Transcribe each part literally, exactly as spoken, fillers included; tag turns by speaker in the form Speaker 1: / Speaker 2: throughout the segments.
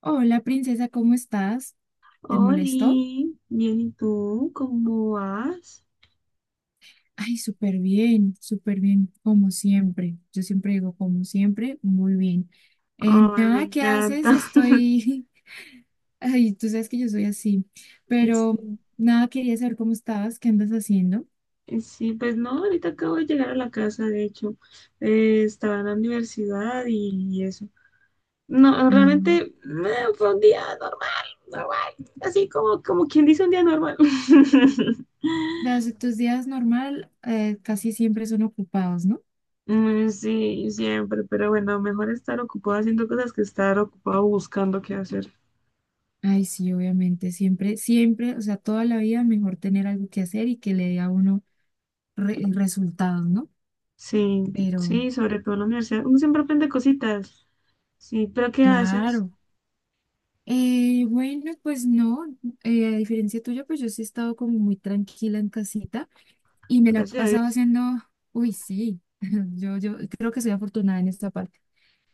Speaker 1: Hola, princesa, ¿cómo estás? ¿Te molestó?
Speaker 2: Oli, bien, ¿y tú? ¿Cómo vas?
Speaker 1: Ay, súper bien, súper bien, como siempre. Yo siempre digo, como siempre, muy bien. Eh,
Speaker 2: Ay, me
Speaker 1: nada, ¿qué
Speaker 2: encanta.
Speaker 1: haces? Estoy... Ay, tú sabes que yo soy así, pero nada, quería saber cómo estabas, qué andas haciendo.
Speaker 2: Sí, sí, pues no, ahorita acabo de llegar a la casa, de hecho. Eh, estaba en la universidad y, eso. No,
Speaker 1: Ah,
Speaker 2: realmente eh, fue un día normal, normal, así como, como quien dice un día normal.
Speaker 1: las- tus días normal, eh, casi siempre son ocupados, ¿no?
Speaker 2: Mm, sí, siempre, pero bueno, mejor estar ocupado haciendo cosas que estar ocupado buscando qué hacer.
Speaker 1: Ay, sí, obviamente, siempre, siempre, o sea, toda la vida mejor tener algo que hacer y que le dé a uno re- resultados, ¿no?
Speaker 2: Sí,
Speaker 1: Pero...
Speaker 2: sí, sobre todo en la universidad. Uno siempre aprende cositas. Sí, pero ¿qué haces?
Speaker 1: claro. Eh, bueno, pues no, eh, a diferencia tuya, pues yo sí he estado como muy tranquila en casita y me la he
Speaker 2: Gracias a
Speaker 1: pasado
Speaker 2: Dios.
Speaker 1: haciendo, uy, sí. yo, yo creo que soy afortunada en esta parte.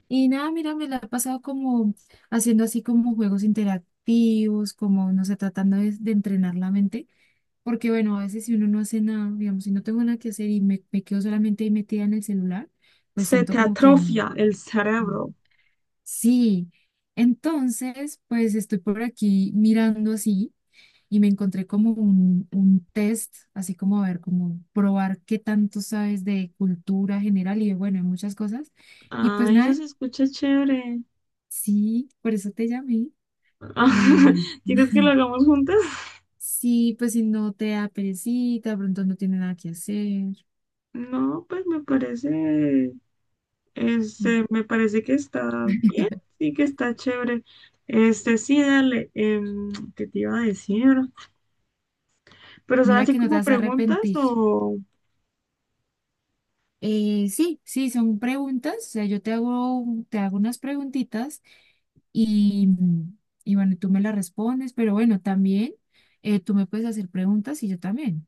Speaker 1: Y nada, mira, me la he pasado como haciendo así como juegos interactivos, como, no sé, tratando de, de entrenar la mente, porque bueno, a veces si uno no hace nada, digamos, si no tengo nada que hacer y me, me quedo solamente ahí metida en el celular, pues
Speaker 2: Se te
Speaker 1: siento como que no.
Speaker 2: atrofia el
Speaker 1: No.
Speaker 2: cerebro.
Speaker 1: Sí, entonces, pues estoy por aquí mirando así y me encontré como un, un test, así como a ver, como probar qué tanto sabes de cultura general y de, bueno, de muchas cosas. Y pues
Speaker 2: Ay, eso
Speaker 1: nada,
Speaker 2: se escucha chévere.
Speaker 1: sí, por eso te llamé. Y
Speaker 2: ¿Quieres que lo hagamos juntas?
Speaker 1: sí, pues si no te da perecita, de pronto no tiene nada que hacer.
Speaker 2: No, pues me parece, este, me parece que está bien,
Speaker 1: mm,
Speaker 2: sí que está chévere. Este, sí, dale, em, ¿qué te iba a decir? Pero son
Speaker 1: Mira
Speaker 2: así
Speaker 1: que no te
Speaker 2: como
Speaker 1: vas a
Speaker 2: preguntas
Speaker 1: arrepentir.
Speaker 2: o...
Speaker 1: Eh, sí, sí, son preguntas, o sea, yo te hago, te hago unas preguntitas. Y, y bueno, tú me la respondes, pero bueno, también, eh, tú me puedes hacer preguntas y yo también.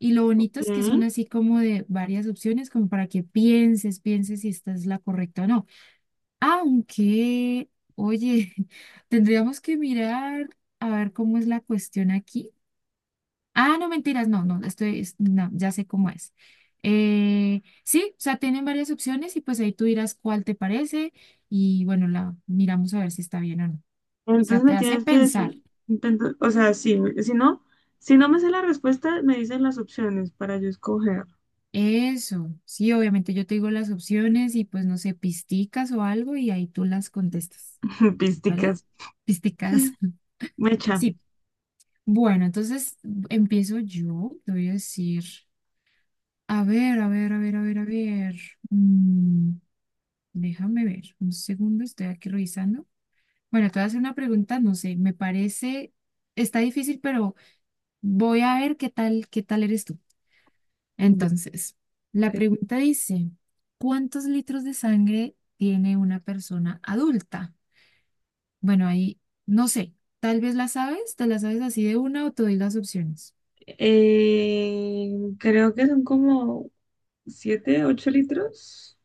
Speaker 1: Y lo
Speaker 2: Ok,
Speaker 1: bonito es que son así como de varias opciones, como para que pienses, pienses si esta es la correcta o no. Aunque, oye, tendríamos que mirar a ver cómo es la cuestión aquí. Ah, no, mentiras, no, no, estoy, es- no, ya sé cómo es. Eh, sí, o sea, tienen varias opciones y pues ahí tú dirás cuál te parece y bueno, la miramos a ver si está bien o no. sea,
Speaker 2: entonces
Speaker 1: te
Speaker 2: me
Speaker 1: hace
Speaker 2: tienes que
Speaker 1: pensar.
Speaker 2: decir, intento, o sea, sí, si no, si no me sé la respuesta, me dicen las opciones para yo escoger.
Speaker 1: Eso, sí, obviamente yo te digo las opciones y pues no sé, pisticas o algo y ahí tú las contestas, ¿vale?
Speaker 2: Písticas.
Speaker 1: Pisticas.
Speaker 2: Mecha.
Speaker 1: Sí, bueno, entonces empiezo yo, te voy a decir, a ver, a ver, a ver, a ver, a ver. mm, Déjame ver, un segundo, estoy aquí revisando. Bueno, te voy a hacer una pregunta, no sé, me parece, está difícil, pero voy a ver qué tal, qué tal eres tú.
Speaker 2: Yo-
Speaker 1: Entonces, la
Speaker 2: ok.
Speaker 1: pregunta dice, ¿cuántos litros de sangre tiene una persona adulta? Bueno, ahí no sé, tal vez la sabes, te la sabes así de una o te doy las opciones.
Speaker 2: Eh, Creo que son como siete ocho litros,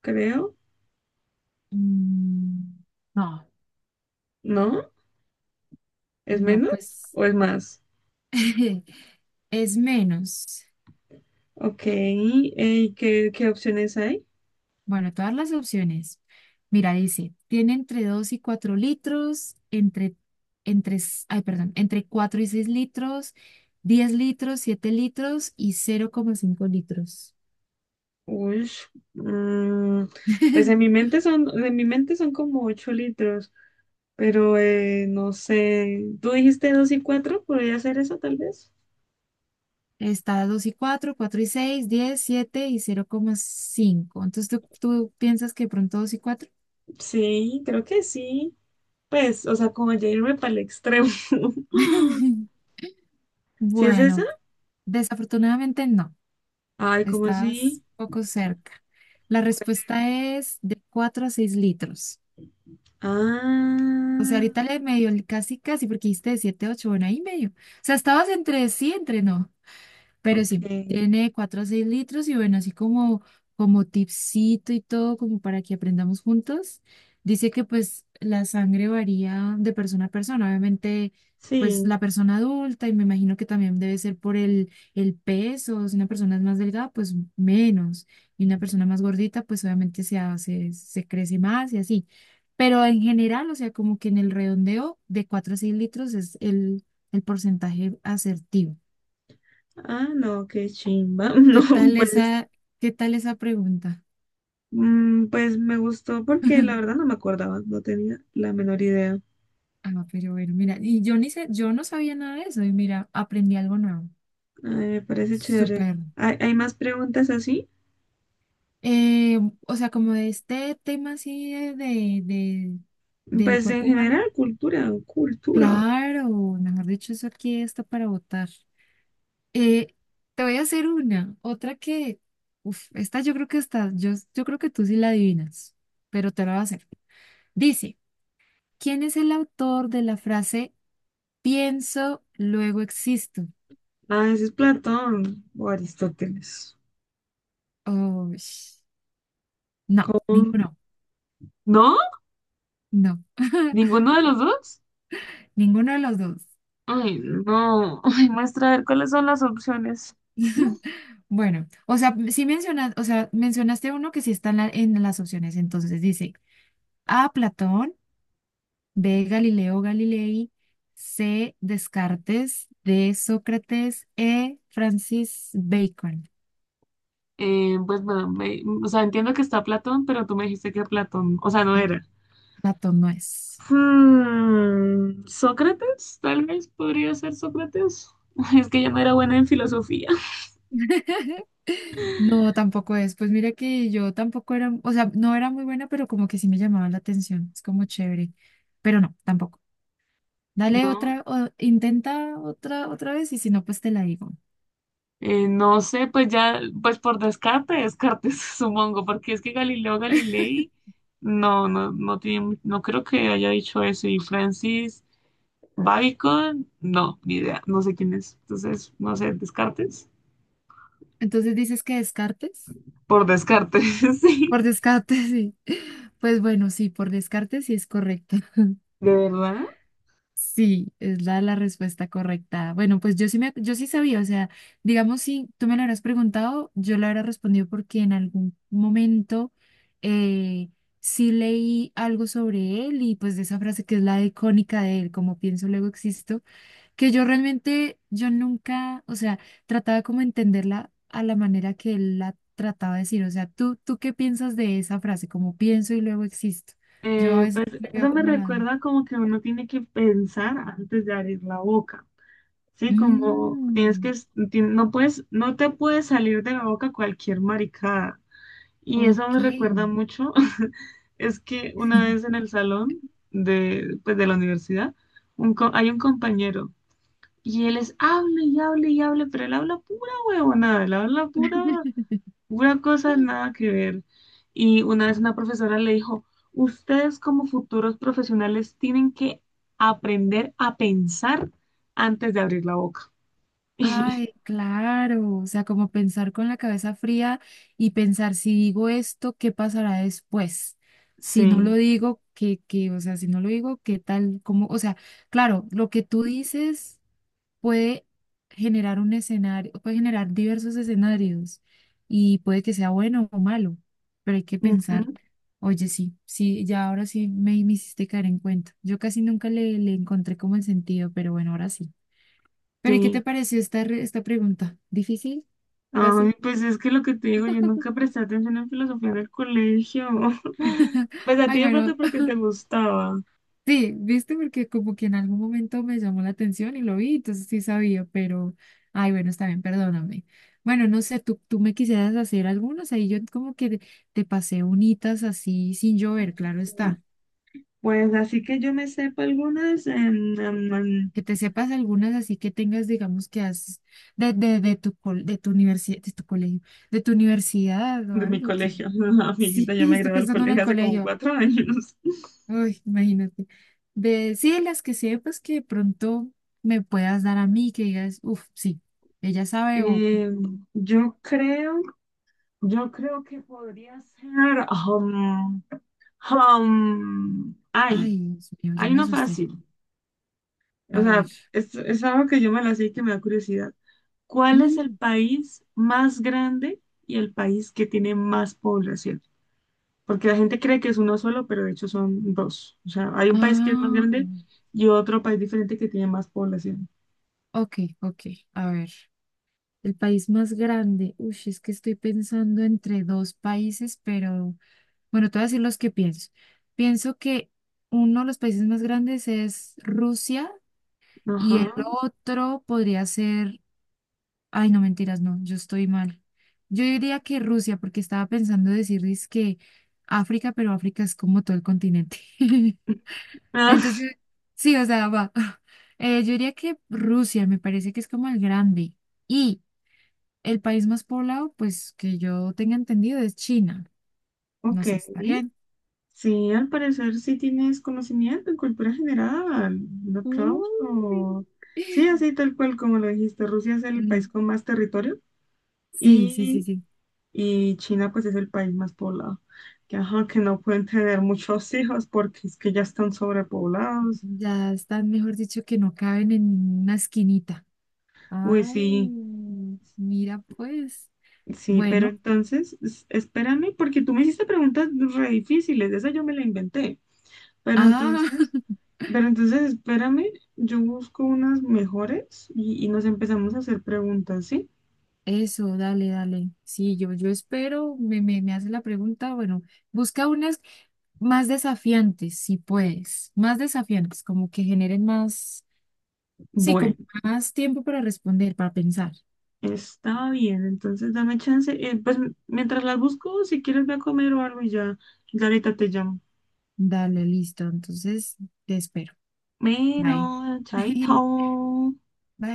Speaker 2: creo.
Speaker 1: Mm, no,
Speaker 2: ¿No? ¿Es
Speaker 1: no,
Speaker 2: menos
Speaker 1: pues
Speaker 2: o es más?
Speaker 1: es menos.
Speaker 2: Ok. eh, ¿qué, qué opciones hay?
Speaker 1: Bueno, todas las opciones. Mira, dice, tiene entre dos y cuatro litros, entre, entre, s- ay, perdón, entre cuatro y seis litros, diez litros, siete litros y cero coma cinco litros.
Speaker 2: Uy, mm, pues en mi mente son, en mi mente son como ocho litros, pero eh, no sé. ¿Tú dijiste dos y cuatro? ¿Podría ser eso tal vez?
Speaker 1: Está: dos y cuatro, cuatro y seis, diez, siete y cero coma cinco. Entonces, ¿tú, tú piensas que de pronto dos y cuatro?
Speaker 2: Sí, creo que sí. Pues, o sea, como ya irme para el extremo. ¿Sí es esa?
Speaker 1: Bueno, desafortunadamente no.
Speaker 2: Ay, ¿cómo así?
Speaker 1: Estás poco cerca. La respuesta es de cuatro a seis litros. O sea,
Speaker 2: Ah,
Speaker 1: ahorita le medio, casi, casi, porque dijiste de siete a ocho, bueno, ahí medio. O sea, estabas entre sí, entre no. Pero sí,
Speaker 2: ok.
Speaker 1: tiene cuatro a seis litros y bueno, así como, como tipsito y todo, como para que aprendamos juntos. Dice que pues la sangre varía de persona a persona. Obviamente, pues
Speaker 2: Sí.
Speaker 1: la persona adulta y me imagino que también debe ser por el, el peso. Si una persona es más delgada, pues menos. Y una persona más gordita, pues obviamente se hace, se crece más y así. Pero en general, o sea, como que en el redondeo de cuatro a seis litros es el, el porcentaje asertivo.
Speaker 2: Ah, no, qué chimba. No,
Speaker 1: ¿Qué tal
Speaker 2: pues,
Speaker 1: esa, qué tal esa pregunta?
Speaker 2: mm, pues me gustó porque la verdad no me acordaba, no tenía la menor idea.
Speaker 1: Ah, pero bueno, mira, y yo ni sé, yo no sabía nada de eso y mira, aprendí algo nuevo.
Speaker 2: Ay, me parece chévere.
Speaker 1: Súper.
Speaker 2: ¿Hay, hay más preguntas así?
Speaker 1: Eh, o sea, como de este tema así de, de, de- del
Speaker 2: Pues en
Speaker 1: cuerpo humano.
Speaker 2: general, cultura, cultura.
Speaker 1: Claro, mejor dicho, eso aquí está para votar. Eh, Te voy a hacer una, otra que, uf, esta yo creo que está, yo, yo creo que tú sí la adivinas, pero te la voy a hacer. Dice, ¿quién es el autor de la frase "Pienso, luego existo"?
Speaker 2: Ah, ese es Platón o Aristóteles.
Speaker 1: Oh, sh- no,
Speaker 2: ¿Cómo?
Speaker 1: ninguno.
Speaker 2: ¿No?
Speaker 1: No,
Speaker 2: ¿Ninguno de los dos?
Speaker 1: ninguno de los dos.
Speaker 2: Ay, no. Ay, muestra a ver cuáles son las opciones.
Speaker 1: Bueno, o sea, sí mencionas, o sea, mencionaste uno que sí está en, la- en las opciones. Entonces dice: A, Platón; B, Galileo Galilei; C, Descartes; D, Sócrates; E, Francis Bacon,
Speaker 2: Eh, pues bueno, me- o sea, entiendo que está Platón, pero tú me dijiste que Platón, o sea, no
Speaker 1: que
Speaker 2: era.
Speaker 1: Platón no es.
Speaker 2: Hmm, Sócrates, tal vez podría ser Sócrates. Es que yo no era buena en filosofía.
Speaker 1: No, tampoco es. Pues mira que yo tampoco era, o sea, no era muy buena, pero como que sí me llamaba la atención. Es como chévere. Pero no, tampoco. Dale
Speaker 2: No,
Speaker 1: otra, o- intenta otra, otra vez y si no, pues te la digo.
Speaker 2: eh, no sé, pues ya, pues por descarte, descartes, supongo, porque es que Galileo Galilei, no, no, no tiene, no creo que haya dicho eso. Y Francis Bacon, no, ni idea, no sé quién es. Entonces, no sé, descartes.
Speaker 1: Entonces dices que descartes.
Speaker 2: Por descarte, sí,
Speaker 1: Por descarte, sí. Pues bueno, sí, por descarte sí es correcto.
Speaker 2: de verdad.
Speaker 1: Sí, es la, la respuesta correcta. Bueno, pues yo sí me, yo sí sabía, o sea, digamos, si tú me lo hubieras preguntado, yo lo hubiera respondido porque en algún momento, eh, sí leí algo sobre él y pues de esa frase que es la icónica de él, como pienso, luego existo, que yo realmente, yo nunca, o sea, trataba como entenderla a la manera que él la trataba de decir, o sea, ¿tú, tú qué piensas de esa frase, como pienso y luego existo? Yo a
Speaker 2: Eh, pues
Speaker 1: veces le
Speaker 2: eso
Speaker 1: veo
Speaker 2: me
Speaker 1: como la...
Speaker 2: recuerda como que uno tiene que pensar antes de abrir la boca, ¿sí? Como tienes que,
Speaker 1: Mm.
Speaker 2: es- ti- no puedes, no te puede salir de la boca cualquier maricada. Y eso
Speaker 1: Ok.
Speaker 2: me recuerda mucho, es que una vez en el salón de, pues, de la universidad, un co- hay un compañero y él es, hable y hable y hable, pero él habla pura huevonada, él habla pura una cosa nada que ver. Y una vez una profesora le dijo, ustedes como futuros profesionales tienen que aprender a pensar antes de abrir la boca.
Speaker 1: Ay, claro. O sea, como pensar con la cabeza fría y pensar si digo esto, ¿qué pasará después? Si no lo
Speaker 2: Sí,
Speaker 1: digo, ¿qué, qué? O sea, si no lo digo, ¿qué tal? ¿Cómo? O sea, claro, lo que tú dices puede generar un escenario, puede generar diversos escenarios y puede que sea bueno o malo, pero hay que pensar.
Speaker 2: ujú,
Speaker 1: Oye, sí, sí, ya ahora sí me, me hiciste caer en cuenta. Yo casi nunca le, le encontré como el sentido, pero bueno, ahora sí. Pero, ¿y qué te
Speaker 2: sí.
Speaker 1: pareció esta, re- esta pregunta? ¿Difícil? ¿Fácil?
Speaker 2: Ay, pues es que lo que te digo, yo nunca presté atención en filosofía en el colegio. Pues a
Speaker 1: Ay,
Speaker 2: ti de pronto
Speaker 1: bueno,
Speaker 2: porque te gustaba.
Speaker 1: sí, viste, porque como que en algún momento me llamó la atención y lo vi, entonces sí sabía, pero, ay, bueno, está bien, perdóname. Bueno, no sé, tú, tú me quisieras hacer algunos, ahí yo como que te, te pasé unitas así sin llover, claro
Speaker 2: Mm,
Speaker 1: está.
Speaker 2: Pues así que yo me sepa algunas em, em, em,
Speaker 1: Que te sepas algunas así que tengas, digamos, que has de, de, de tu, col- de tu universidad, de tu colegio, de tu universidad o
Speaker 2: de mi
Speaker 1: algo
Speaker 2: colegio.
Speaker 1: que... Sí,
Speaker 2: Amiguita, ya me
Speaker 1: estoy
Speaker 2: gradué del
Speaker 1: pensando en el
Speaker 2: colegio hace como
Speaker 1: colegio.
Speaker 2: cuatro años.
Speaker 1: Uy, imagínate. De, sí, las que sepas que de pronto me puedas dar a mí, que digas, uff, sí, ella sabe o,
Speaker 2: Eh, yo creo, yo creo que podría ser, um, um, ay,
Speaker 1: ay, Dios mío, ya
Speaker 2: hay
Speaker 1: me
Speaker 2: una
Speaker 1: asusté.
Speaker 2: fácil, o
Speaker 1: A ver.
Speaker 2: sea, es, es algo que yo me la sé y que me da curiosidad. ¿Cuál es el
Speaker 1: Mm,
Speaker 2: país más grande y el país que tiene más población? Porque la gente cree que es uno solo, pero de hecho son dos. O sea, hay un país que es más
Speaker 1: Ah,
Speaker 2: grande y otro país diferente que tiene más población.
Speaker 1: ok, ok, a ver. El país más grande. Uy, es que estoy pensando entre dos países, pero bueno, te voy a decir los que pienso. Pienso que uno de los países más grandes es Rusia
Speaker 2: Ajá.
Speaker 1: y el otro podría ser... Ay, no, mentiras, no, yo estoy mal. Yo diría que Rusia, porque estaba pensando decirles que África, pero África es como todo el continente. Entonces,
Speaker 2: Ah,
Speaker 1: yo- sí, o sea, va. Eh, yo diría que Rusia me parece que es como el grande. Y el país más poblado, pues que yo tenga entendido, es China. No
Speaker 2: ok.
Speaker 1: sé, está bien.
Speaker 2: Sí, al parecer sí tienes conocimiento en cultura general. Un
Speaker 1: Uy.
Speaker 2: aplauso. Sí, así tal cual como lo dijiste, Rusia es el país
Speaker 1: Mm.
Speaker 2: con más territorio
Speaker 1: Sí, sí, sí,
Speaker 2: y,
Speaker 1: sí.
Speaker 2: y China pues es el país más poblado. Que, ajá, que no pueden tener muchos hijos porque es que ya están sobrepoblados.
Speaker 1: Ya están, mejor dicho, que no caben en una esquinita.
Speaker 2: Uy, sí,
Speaker 1: Ay, mira pues.
Speaker 2: sí, pero
Speaker 1: Bueno,
Speaker 2: entonces es- espérame porque tú me hiciste preguntas re difíciles, esa yo me la inventé. Pero
Speaker 1: ah,
Speaker 2: entonces... Pero entonces espérame, yo busco unas mejores y, y nos empezamos a hacer preguntas, ¿sí?
Speaker 1: eso, dale, dale. Sí, yo, yo espero, me, me, me hace la pregunta, bueno, busca unas más desafiantes, si puedes, más desafiantes, como que generen más, sí, como
Speaker 2: Bueno,
Speaker 1: más tiempo para responder, para pensar.
Speaker 2: está bien, entonces dame chance. Eh, pues m- mientras las busco, si quieres ve a comer o algo y ya, ya ahorita te llamo.
Speaker 1: Dale, listo, entonces te espero. Bye.
Speaker 2: Bueno, chaito.
Speaker 1: Bye.